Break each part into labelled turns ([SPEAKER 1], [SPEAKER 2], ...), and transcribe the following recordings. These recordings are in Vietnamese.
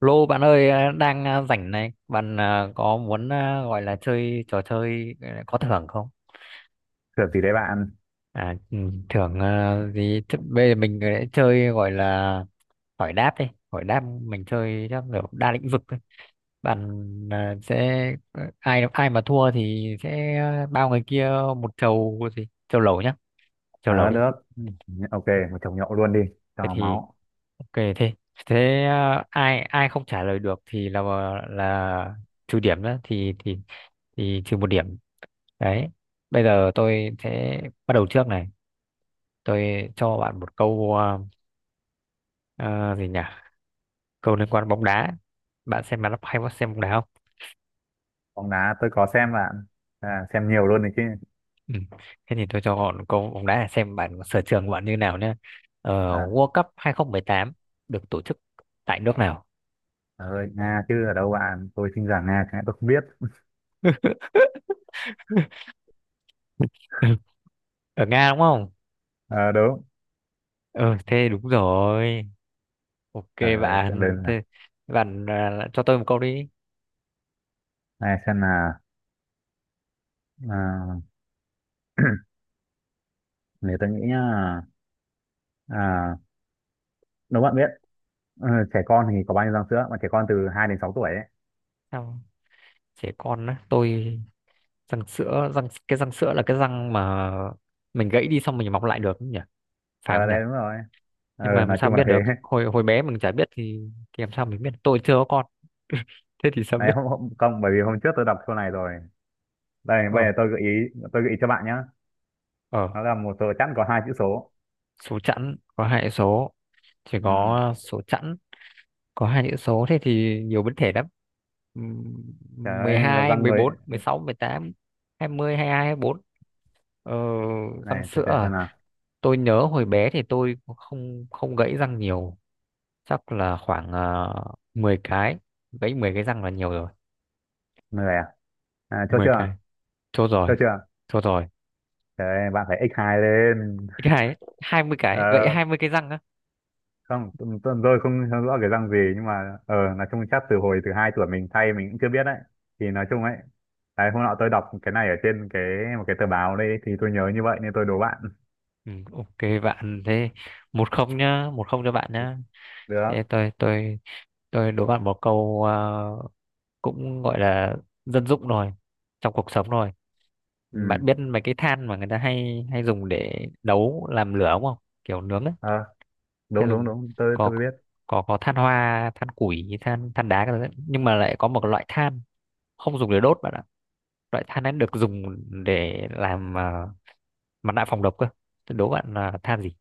[SPEAKER 1] Lô bạn ơi đang rảnh này bạn có muốn gọi là chơi trò chơi có thưởng không?
[SPEAKER 2] Trượt gì đấy bạn?
[SPEAKER 1] À, ừ, thưởng gì? Thế bây giờ mình lại chơi gọi là hỏi đáp đi, hỏi đáp mình chơi chắc kiểu đa lĩnh vực thôi bạn. à, sẽ Ai ai mà thua thì sẽ bao người kia một chầu gì chầu lẩu nhá, chầu lẩu
[SPEAKER 2] Ờ
[SPEAKER 1] đi.
[SPEAKER 2] được. Ừ, ok,
[SPEAKER 1] Ừ,
[SPEAKER 2] một chồng nhậu luôn đi,
[SPEAKER 1] thế
[SPEAKER 2] cho
[SPEAKER 1] thì
[SPEAKER 2] máu.
[SPEAKER 1] kệ thế. Thế ai ai không trả lời được thì là trừ điểm đó, thì trừ một điểm đấy. Bây giờ tôi sẽ bắt đầu trước này, tôi cho bạn một câu ờ, gì nhỉ, câu liên quan bóng đá. Bạn xem bóng đá, hay có xem bóng đá không?
[SPEAKER 2] Bóng đá tôi có xem bạn. À, xem nhiều luôn đấy chứ.
[SPEAKER 1] Ừ. Thế thì tôi cho bạn câu bóng đá để xem bạn sở trường của bạn như nào nhé.
[SPEAKER 2] À,
[SPEAKER 1] World Cup 2018 được tổ chức tại nước nào?
[SPEAKER 2] trời ơi, Nga chứ ở đâu bạn? Tôi sinh ra Nga, cái tôi không biết.
[SPEAKER 1] Ở Nga đúng không?
[SPEAKER 2] Ờ đúng.
[SPEAKER 1] Ừ thế đúng rồi. Ok
[SPEAKER 2] Trời ơi, chuyện
[SPEAKER 1] bạn,
[SPEAKER 2] lên là.
[SPEAKER 1] thế bạn cho tôi một câu đi.
[SPEAKER 2] Này xem là à, nếu tôi nghĩ nhá, à, nếu bạn biết ờ, trẻ con thì có bao nhiêu răng sữa mà trẻ con từ 2 đến 6 tuổi ấy.
[SPEAKER 1] Sao? Trẻ con á, tôi, răng sữa, răng cái răng sữa là cái răng mà mình gãy đi xong mình mọc lại được không nhỉ? Phải
[SPEAKER 2] Ờ
[SPEAKER 1] không nhỉ?
[SPEAKER 2] đấy đúng rồi. Ờ
[SPEAKER 1] Nhưng mà làm
[SPEAKER 2] nói
[SPEAKER 1] sao
[SPEAKER 2] chung là
[SPEAKER 1] biết
[SPEAKER 2] thế.
[SPEAKER 1] được? Hồi hồi bé mình chả biết thì làm sao mình biết? Tôi chưa có con. Thế thì sao
[SPEAKER 2] Đấy
[SPEAKER 1] biết?
[SPEAKER 2] hôm không bởi vì hôm trước tôi đọc câu này rồi. Đây bây giờ
[SPEAKER 1] Ờ,
[SPEAKER 2] tôi gợi ý cho bạn nhá.
[SPEAKER 1] ờ,
[SPEAKER 2] Nó là một tờ chẵn có hai chữ số.
[SPEAKER 1] Số chẵn có hai chữ số, chỉ
[SPEAKER 2] Ừ.
[SPEAKER 1] có số chẵn có hai chữ số thế thì nhiều biến thể lắm. Ừm,
[SPEAKER 2] Trời ơi là
[SPEAKER 1] 12,
[SPEAKER 2] văng người,
[SPEAKER 1] 14, 16, 18, 20, 22, 24. Ờ, răng
[SPEAKER 2] này từ
[SPEAKER 1] sữa
[SPEAKER 2] từ xem
[SPEAKER 1] à?
[SPEAKER 2] nào.
[SPEAKER 1] Tôi nhớ hồi bé thì tôi cũng không không gãy răng nhiều, chắc là khoảng 10 cái, gãy 10 cái răng là nhiều rồi.
[SPEAKER 2] Người à, à chốt
[SPEAKER 1] 10
[SPEAKER 2] chưa,
[SPEAKER 1] cái. Chốt
[SPEAKER 2] chốt
[SPEAKER 1] rồi,
[SPEAKER 2] chưa?
[SPEAKER 1] chốt rồi.
[SPEAKER 2] Trời ơi, bạn phải ích hai lên.
[SPEAKER 1] Cái này 20 cái, gãy
[SPEAKER 2] Ờ
[SPEAKER 1] 20 cái răng á.
[SPEAKER 2] không, tôi không hiểu rõ cái răng gì, nhưng mà nói chung chắc từ hồi từ hai tuổi mình thay mình cũng chưa biết đấy, thì nói chung ấy. Đấy, hôm nọ tôi đọc cái này ở trên một cái tờ báo đây thì tôi nhớ như vậy nên tôi đố bạn.
[SPEAKER 1] Ừ, ok bạn, thế một không nhá, một không cho bạn nhá. Thế
[SPEAKER 2] Được.
[SPEAKER 1] tôi đố bạn một câu cũng gọi là dân dụng rồi, trong cuộc sống rồi.
[SPEAKER 2] Ừ.
[SPEAKER 1] Bạn biết mấy cái than mà người ta hay hay dùng để nấu làm lửa đúng không? Kiểu nướng ấy.
[SPEAKER 2] Ờ
[SPEAKER 1] Hay
[SPEAKER 2] đúng đúng
[SPEAKER 1] dùng,
[SPEAKER 2] đúng tôi
[SPEAKER 1] có
[SPEAKER 2] tôi biết.
[SPEAKER 1] có than hoa, than củi, than đá các thứ, nhưng mà lại có một loại than không dùng để đốt bạn ạ. Loại than ấy được dùng để làm mặt nạ phòng độc cơ. Thế đố bạn là than gì?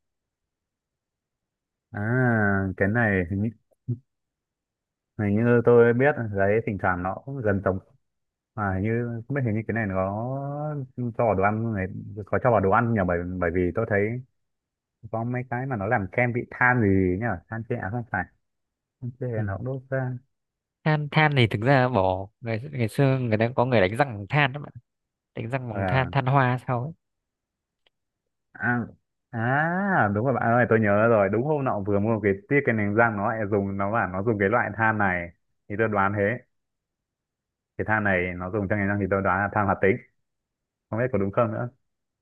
[SPEAKER 2] À cái này hình như tôi biết đấy, thỉnh thoảng nó cũng gần giống. À, như không biết, hình như cái này nó có cho vào đồ ăn này, có cho vào đồ ăn nhỉ, bởi bởi vì tôi thấy có mấy cái mà nó làm kem bị than gì nhỉ, than tre à, không phải, than tre
[SPEAKER 1] Ừ.
[SPEAKER 2] nó cũng đốt ra.
[SPEAKER 1] Than thì thực ra bỏ, ngày ngày xưa người ta có người đánh răng bằng than đó bạn, đánh răng bằng than,
[SPEAKER 2] à,
[SPEAKER 1] than hoa sao ấy.
[SPEAKER 2] à, à đúng rồi bạn ơi, tôi nhớ rồi, đúng hôm nọ vừa mua cái tiết cái nành răng nó lại dùng, nó bảo nó dùng cái loại than này thì tôi đoán thế, cái than này nó dùng cho nành răng thì tôi đoán là than hoạt tính, không biết có đúng không nữa.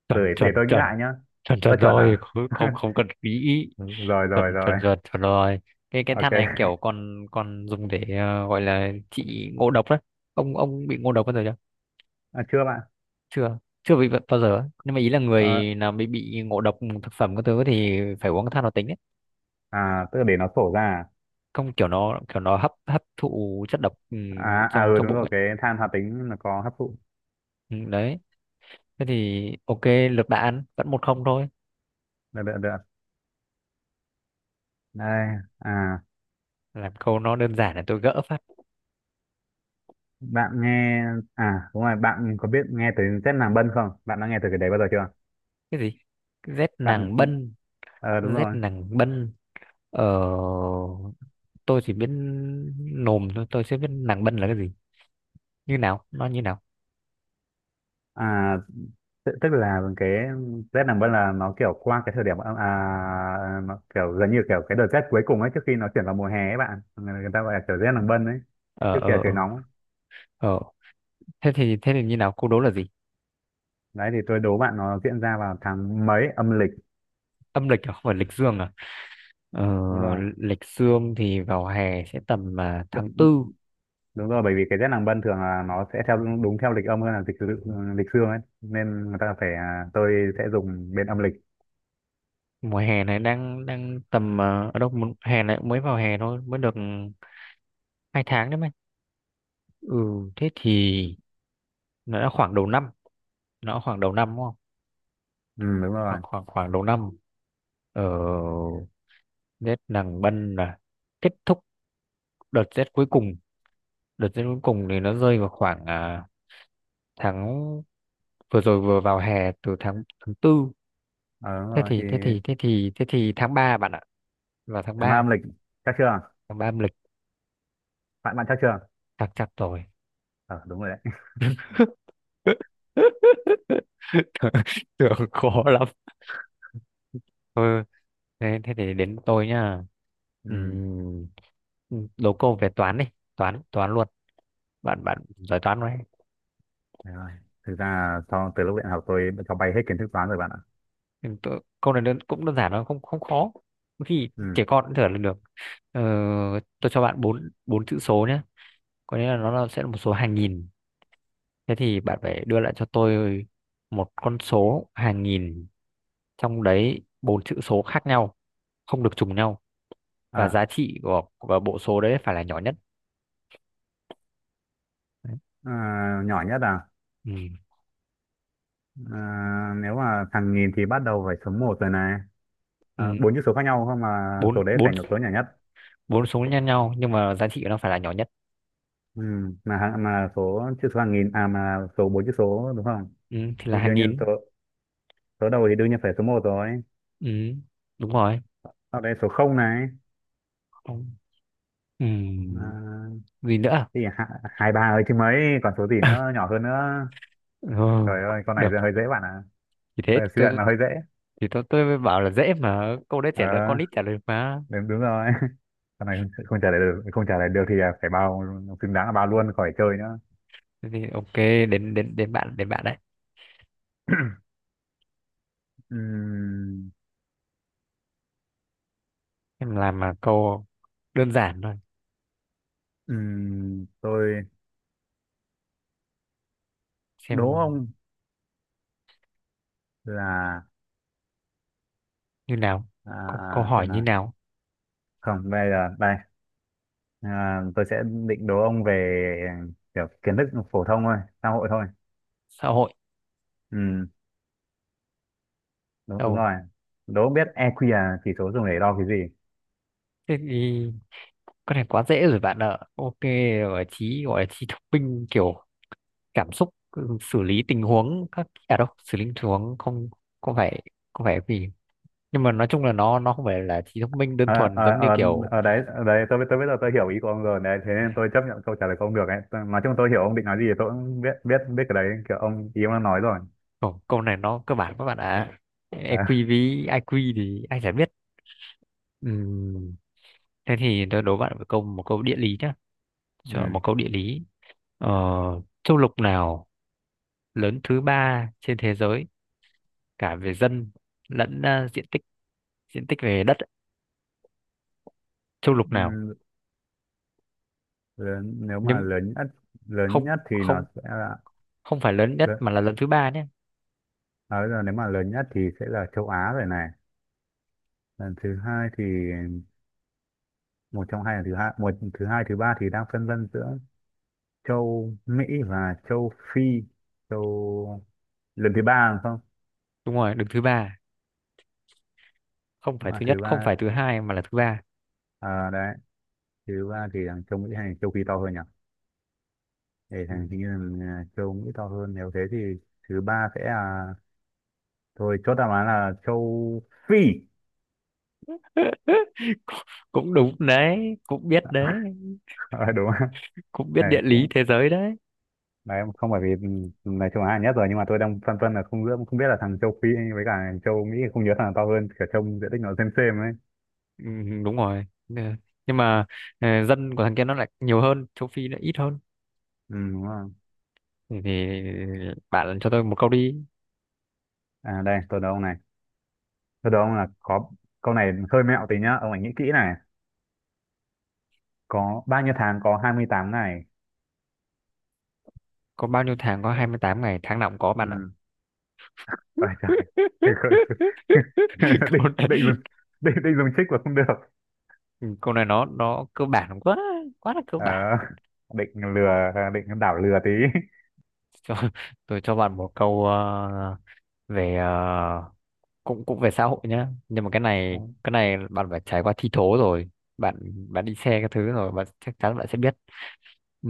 [SPEAKER 1] chuẩn
[SPEAKER 2] Rồi để
[SPEAKER 1] chuẩn
[SPEAKER 2] tôi nghĩ
[SPEAKER 1] chuẩn
[SPEAKER 2] lại nhá.
[SPEAKER 1] chuẩn chuẩn
[SPEAKER 2] Tôi chuẩn à?
[SPEAKER 1] rồi, không không không cần nghĩ,
[SPEAKER 2] Rồi rồi
[SPEAKER 1] chuẩn
[SPEAKER 2] rồi.
[SPEAKER 1] chuẩn chuẩn chuẩn rồi. Cái
[SPEAKER 2] Ok.
[SPEAKER 1] than này kiểu còn còn dùng để gọi là trị ngộ độc đấy. Ông bị ngộ độc bao giờ chưa?
[SPEAKER 2] À, chưa bạn.
[SPEAKER 1] Chưa, chưa bị bao giờ á. Nhưng mà ý là
[SPEAKER 2] Ờ,
[SPEAKER 1] người nào bị ngộ độc thực phẩm các thứ thì phải uống than hoạt tính đấy.
[SPEAKER 2] à tức là để nó sổ ra.
[SPEAKER 1] Không, kiểu nó, kiểu nó hấp hấp thụ chất độc, ừ, trong
[SPEAKER 2] Ừ
[SPEAKER 1] trong
[SPEAKER 2] đúng
[SPEAKER 1] bụng
[SPEAKER 2] rồi,
[SPEAKER 1] ấy.
[SPEAKER 2] cái than hoạt tính nó có hấp thụ.
[SPEAKER 1] Ừ, đấy. Thế thì ok, lược đã ăn vẫn một không thôi.
[SPEAKER 2] Được được được Đây. À,
[SPEAKER 1] Làm câu nó đơn giản là tôi gỡ phát.
[SPEAKER 2] bạn nghe, à đúng rồi, bạn có biết nghe tới chất làm bân không, bạn đã nghe tới cái đấy bao giờ chưa
[SPEAKER 1] Cái gì? Rét
[SPEAKER 2] bạn?
[SPEAKER 1] nàng bân?
[SPEAKER 2] Ờ đúng
[SPEAKER 1] Rét
[SPEAKER 2] rồi.
[SPEAKER 1] nàng bân. Ờ, tôi chỉ biết nồm thôi, tôi chưa biết nàng bân là cái gì. Như nào? Nó như nào?
[SPEAKER 2] À tức tức là cái rét làm bân là nó kiểu qua cái thời điểm nó kiểu gần như kiểu cái đợt rét cuối cùng ấy trước khi nó chuyển vào mùa hè ấy bạn, người người ta gọi là kiểu rét làm bân ấy,
[SPEAKER 1] Ờ,
[SPEAKER 2] trước khi là
[SPEAKER 1] ờ,
[SPEAKER 2] trời
[SPEAKER 1] ờ.
[SPEAKER 2] nóng.
[SPEAKER 1] Ờ. Thế thì như nào? Câu đố là gì?
[SPEAKER 2] Đấy thì tôi đố bạn nó diễn ra vào tháng mấy âm lịch.
[SPEAKER 1] Âm lịch à? Không phải lịch dương à? Ờ,
[SPEAKER 2] Đúng rồi.
[SPEAKER 1] lịch dương thì vào hè sẽ tầm tháng tư.
[SPEAKER 2] Đúng rồi, bởi vì cái Tết nàng Bân thường là nó sẽ theo đúng theo lịch âm hơn là lịch dương ấy, nên người ta phải, tôi sẽ dùng bên âm lịch.
[SPEAKER 1] Mùa hè này đang đang tầm ở đâu? Mùa- Hè này mới vào hè thôi, mới được hai tháng đấy mày. Ừ, thế thì nó đã khoảng đầu năm, nó đã khoảng đầu năm đúng không?
[SPEAKER 2] Ừ, đúng rồi.
[SPEAKER 1] Khoảng khoảng khoảng đầu năm. Ờ, Tết nàng bân là kết thúc đợt rét cuối cùng, đợt rét cuối cùng thì nó rơi vào khoảng tháng, vừa rồi vừa vào hè từ tháng tháng tư.
[SPEAKER 2] Ờ, đúng
[SPEAKER 1] thế
[SPEAKER 2] rồi thì
[SPEAKER 1] thì thế thì thế thì thế thì tháng ba bạn ạ, vào tháng
[SPEAKER 2] tháng năm
[SPEAKER 1] ba.
[SPEAKER 2] âm lịch, chắc chưa?
[SPEAKER 1] Tháng ba âm lịch.
[SPEAKER 2] Bạn bạn chắc chưa?
[SPEAKER 1] Chắc chắn rồi.
[SPEAKER 2] Ờ đúng rồi đấy.
[SPEAKER 1] Tưởng khó lắm. Ừ. Thế, thế thì đến tôi nhá.
[SPEAKER 2] Ừ,
[SPEAKER 1] Đố câu về toán đi, toán toán luôn. Bạn bạn giỏi toán không?
[SPEAKER 2] đúng rồi. Thực ra là sau từ lúc đại học tôi đã cho bay hết kiến thức toán rồi bạn ạ.
[SPEAKER 1] Ừ, tôi, câu này đơn, cũng đơn giản, nó không không khó, thì
[SPEAKER 2] Ừ.
[SPEAKER 1] trẻ con cũng thở là được. Ờ, tôi cho bạn bốn bốn chữ số nhé, có nghĩa là nó là, sẽ là một số hàng nghìn. Thế thì bạn phải đưa lại cho tôi một con số hàng nghìn, trong đấy bốn chữ số khác nhau, không được trùng nhau, và
[SPEAKER 2] à,
[SPEAKER 1] giá trị của bộ số đấy phải là nhỏ nhất. Đấy.
[SPEAKER 2] nhỏ nhất à,
[SPEAKER 1] Ừ.
[SPEAKER 2] à nếu mà thằng nghìn thì bắt đầu phải số một rồi này. À,
[SPEAKER 1] Ừ.
[SPEAKER 2] bốn chữ số khác nhau không mà,
[SPEAKER 1] bốn
[SPEAKER 2] số đấy
[SPEAKER 1] bốn
[SPEAKER 2] phải là số nhỏ nhất.
[SPEAKER 1] bốn số nhân nhau nhưng mà giá trị của nó phải là nhỏ nhất.
[SPEAKER 2] Ừ, mà số chữ số hàng nghìn à, mà số bốn chữ số đúng không?
[SPEAKER 1] Ừ. Thì là
[SPEAKER 2] Thì
[SPEAKER 1] hàng
[SPEAKER 2] đương nhiên
[SPEAKER 1] nghìn.
[SPEAKER 2] số số đầu thì đương nhiên phải số một rồi.
[SPEAKER 1] Ừ. Đúng rồi.
[SPEAKER 2] Sau đấy số không này.
[SPEAKER 1] Không. Ừ.
[SPEAKER 2] À,
[SPEAKER 1] Gì nữa?
[SPEAKER 2] thì hai hai ba ấy chứ mấy, còn số gì nữa nhỏ hơn nữa.
[SPEAKER 1] Ừ,
[SPEAKER 2] Trời ơi con này
[SPEAKER 1] được.
[SPEAKER 2] giờ hơi dễ bạn ạ.
[SPEAKER 1] Thì thế
[SPEAKER 2] À, suy luận
[SPEAKER 1] tôi-
[SPEAKER 2] là hơi dễ.
[SPEAKER 1] thì tôi mới bảo là dễ mà, câu đấy trả lời con
[SPEAKER 2] Ờ
[SPEAKER 1] nít trả lời mà.
[SPEAKER 2] đúng rồi. Con này không trả lời được, không trả lời được thì là phải bao, xứng đáng là bao luôn khỏi chơi nữa.
[SPEAKER 1] Thế thì ok, đến đến đến bạn đấy.
[SPEAKER 2] Ừm,
[SPEAKER 1] Em làm mà câu đơn giản thôi.
[SPEAKER 2] tôi đố
[SPEAKER 1] Xem
[SPEAKER 2] ông là
[SPEAKER 1] như nào, câu, câu
[SPEAKER 2] à,
[SPEAKER 1] hỏi
[SPEAKER 2] xem
[SPEAKER 1] như
[SPEAKER 2] nào,
[SPEAKER 1] nào?
[SPEAKER 2] không bây giờ đây, à, tôi sẽ định đố ông về kiểu kiến thức phổ thông thôi, xã hội thôi.
[SPEAKER 1] Xã hội.
[SPEAKER 2] Ừ. Đúng
[SPEAKER 1] Đâu?
[SPEAKER 2] rồi. Đố không biết EQ là chỉ số dùng để đo cái gì?
[SPEAKER 1] Thế thì con này quá dễ rồi bạn ạ, ok. Gọi là trí, gọi là trí thông minh kiểu cảm xúc, ừ, xử lý tình huống các à đâu, xử lý tình huống không? Không phải, không phải vì, nhưng mà nói chung là nó không phải là trí thông minh đơn
[SPEAKER 2] à,
[SPEAKER 1] thuần
[SPEAKER 2] à,
[SPEAKER 1] giống như
[SPEAKER 2] à,
[SPEAKER 1] kiểu.
[SPEAKER 2] đấy, đấy tôi, bây giờ tôi hiểu ý của ông rồi đấy, thế nên tôi chấp nhận câu trả lời của ông được ấy. Tôi- nói chung tôi hiểu ông định nói gì, thì tôi cũng biết biết biết cái đấy, kiểu ông ý ông đang nói rồi.
[SPEAKER 1] Câu, câu này nó cơ bản các bạn ạ.
[SPEAKER 2] À,
[SPEAKER 1] EQ với IQ thì anh sẽ biết. Ừm, Thế thì tôi đố bạn một câu, một câu địa lý nhá. Cho một
[SPEAKER 2] ừ,
[SPEAKER 1] câu địa lý. Ờ, châu lục nào lớn thứ ba trên thế giới, cả về dân lẫn diện tích, diện tích về đất ấy. Châu lục nào?
[SPEAKER 2] ừ, lớn, nếu mà
[SPEAKER 1] Nhưng
[SPEAKER 2] lớn nhất, lớn
[SPEAKER 1] không,
[SPEAKER 2] nhất thì nó
[SPEAKER 1] không,
[SPEAKER 2] sẽ là,
[SPEAKER 1] không phải lớn nhất
[SPEAKER 2] lớn,
[SPEAKER 1] mà là lớn thứ ba nhé.
[SPEAKER 2] à, bây giờ nếu mà lớn nhất thì sẽ là châu Á rồi này. Lần thứ hai thì, một trong hai là thứ hai, thứ hai thứ ba thì đang phân vân giữa châu Mỹ và châu Phi, châu, lần thứ ba rồi không,
[SPEAKER 1] Đúng rồi, đứng thứ ba, không phải
[SPEAKER 2] mà
[SPEAKER 1] thứ nhất,
[SPEAKER 2] thứ
[SPEAKER 1] không
[SPEAKER 2] ba.
[SPEAKER 1] phải thứ hai mà là thứ ba.
[SPEAKER 2] À, đấy, thứ ba thì thằng châu Mỹ hay thằng châu Phi to hơn nhỉ, để thằng
[SPEAKER 1] Ừm.
[SPEAKER 2] hình như là châu Mỹ to hơn, nếu thế thì thứ ba sẽ là, thôi chốt đáp án là châu Phi.
[SPEAKER 1] Cũng, cũng đúng đấy,
[SPEAKER 2] Ờ, đúng không?
[SPEAKER 1] cũng biết
[SPEAKER 2] Này
[SPEAKER 1] địa lý
[SPEAKER 2] cũng,
[SPEAKER 1] thế giới đấy.
[SPEAKER 2] đấy không phải vì, ừ, này châu Á là nhất rồi nhưng mà tôi đang phân vân là không biết là thằng châu Phi với cả thằng châu Mỹ, không nhớ thằng nào to hơn cả, trông diện tích nó xem ấy.
[SPEAKER 1] Ừ, đúng rồi. Ừ. Nhưng mà ờ, dân của thằng kia nó lại nhiều hơn, châu Phi nó ít hơn.
[SPEAKER 2] Ừ, đúng không?
[SPEAKER 1] Thì bạn cho tôi một câu đi.
[SPEAKER 2] À đây tôi đố ông này, tôi đố ông là có, câu này hơi mẹo tí nhá, ông hãy nghĩ kỹ này, có bao nhiêu tháng có 28 ngày?
[SPEAKER 1] Có bao nhiêu tháng có 28 ngày? Tháng nào cũng có bạn ạ.
[SPEAKER 2] Ừ. Ôi trời. định
[SPEAKER 1] Câu
[SPEAKER 2] định
[SPEAKER 1] này,
[SPEAKER 2] dùng, định định dùng trích mà không được.
[SPEAKER 1] câu này nó cơ bản quá, quá là cơ
[SPEAKER 2] Ờ,
[SPEAKER 1] bản.
[SPEAKER 2] định lừa, định đảo lừa tí.
[SPEAKER 1] Cho, tôi cho bạn một câu về cũng cũng về xã hội nhá, nhưng mà cái này cái này bạn phải trải qua thi thố rồi. Bạn bạn đi xe cái thứ rồi bạn chắc chắn bạn sẽ biết. Ừ.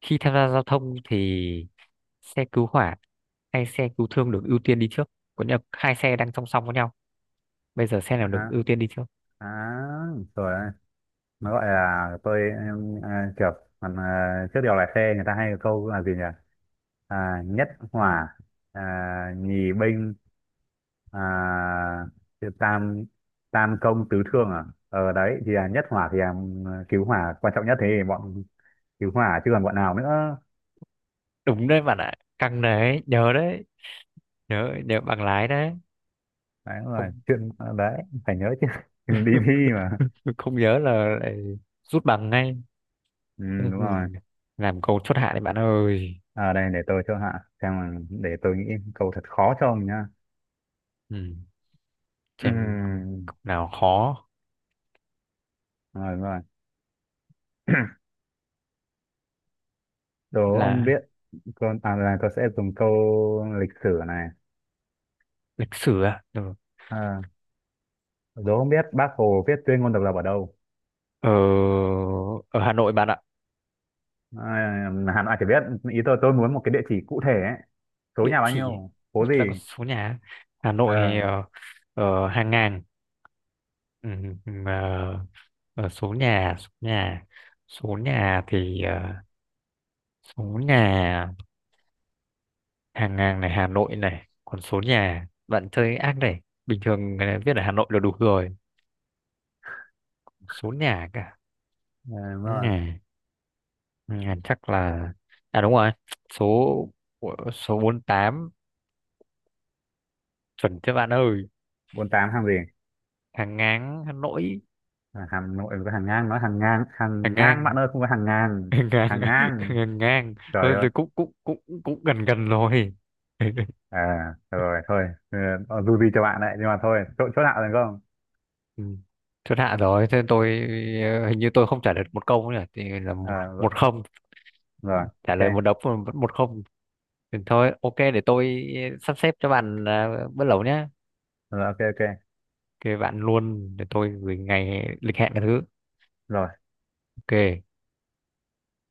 [SPEAKER 1] Khi tham gia giao thông thì xe cứu hỏa hay xe cứu thương được ưu tiên đi trước? Có nghĩa là hai xe đang song song với nhau, bây giờ xe nào được
[SPEAKER 2] À,
[SPEAKER 1] ưu tiên đi trước?
[SPEAKER 2] à, rồi, nó gọi là tôi em, à, kiểu, còn à, trước điều lái xe người ta hay có câu là gì nhỉ, à, nhất hỏa, à, nhì binh, à, tam, tam công tứ thương à, ở đấy thì là nhất hỏa thì là, ừ, cứu hỏa quan trọng nhất, thế thì bọn cứu hỏa chứ còn bọn nào nữa.
[SPEAKER 1] Đúng đấy bạn ạ. Căng đấy, nhớ nhớ bằng lái đấy.
[SPEAKER 2] Đấy đúng rồi
[SPEAKER 1] Không
[SPEAKER 2] chuyện, à, đấy phải nhớ chứ. Đừng đi thi mà.
[SPEAKER 1] không nhớ là lại rút bằng ngay.
[SPEAKER 2] Ừ,
[SPEAKER 1] Ừ,
[SPEAKER 2] đúng rồi.
[SPEAKER 1] làm câu chốt hạ đấy bạn ơi.
[SPEAKER 2] À, đây để tôi cho hạ, xem là để tôi nghĩ câu thật khó cho ông nhá.
[SPEAKER 1] Ừ. Xem
[SPEAKER 2] Ừ,
[SPEAKER 1] câu nào khó.
[SPEAKER 2] đúng rồi. Đố ông
[SPEAKER 1] Là
[SPEAKER 2] biết, con à là tôi sẽ dùng câu lịch sử này,
[SPEAKER 1] lịch sử à? Ừ.
[SPEAKER 2] à, đố ông biết Bác Hồ viết tuyên ngôn độc lập ở đâu?
[SPEAKER 1] Ở, ở Hà Nội bạn ạ.
[SPEAKER 2] À, Hà Nội chỉ biết, ý tôi muốn một cái địa chỉ cụ thể ấy, số
[SPEAKER 1] Địa
[SPEAKER 2] nhà bao
[SPEAKER 1] chỉ
[SPEAKER 2] nhiêu, phố
[SPEAKER 1] là có
[SPEAKER 2] gì.
[SPEAKER 1] số nhà, Hà
[SPEAKER 2] Ờ
[SPEAKER 1] Nội
[SPEAKER 2] à,
[SPEAKER 1] hàng ngàn, ừ, ừ, ờ, ờ, số nhà số nhà số nhà thì số nhà, hàng ngàn này, Hà Nội này, còn số nhà bạn chơi ác này. Bình thường viết ở Hà Nội là đủ rồi, số nhà cả
[SPEAKER 2] đúng rồi.
[SPEAKER 1] nhà, nhà chắc là, à đúng rồi, số, số bốn tám, chuẩn chứ bạn ơi?
[SPEAKER 2] 48 hàng gì?
[SPEAKER 1] Hàng ngang Hà Nội.
[SPEAKER 2] À, Hà Nội có hàng ngang, nói hàng ngang,
[SPEAKER 1] Hàng
[SPEAKER 2] hàng ngang
[SPEAKER 1] ngang
[SPEAKER 2] bạn ơi, không có hàng ngàn.
[SPEAKER 1] ngang,
[SPEAKER 2] Hàng
[SPEAKER 1] ngang
[SPEAKER 2] ngang.
[SPEAKER 1] ngang ngang.
[SPEAKER 2] Trời
[SPEAKER 1] Thôi
[SPEAKER 2] ơi.
[SPEAKER 1] thì cũng cũng cũng cũng gần gần rồi.
[SPEAKER 2] À rồi thôi, ừ, dù gì cho bạn đấy, nhưng mà thôi chỗ chỗ nào được không?
[SPEAKER 1] Ừ, chốt hạ rồi thế tôi hình như tôi không trả lời một câu nữa nhỉ? Thì là một,
[SPEAKER 2] À, rồi,
[SPEAKER 1] một không,
[SPEAKER 2] rồi
[SPEAKER 1] trả
[SPEAKER 2] ok,
[SPEAKER 1] lời một đống mà vẫn một không. Thì thôi ok, để tôi sắp xếp cho bạn bữa lẩu nhé.
[SPEAKER 2] rồi ok ok
[SPEAKER 1] Thì bạn luôn, để tôi gửi ngày lịch hẹn cái thứ.
[SPEAKER 2] rồi.
[SPEAKER 1] Ok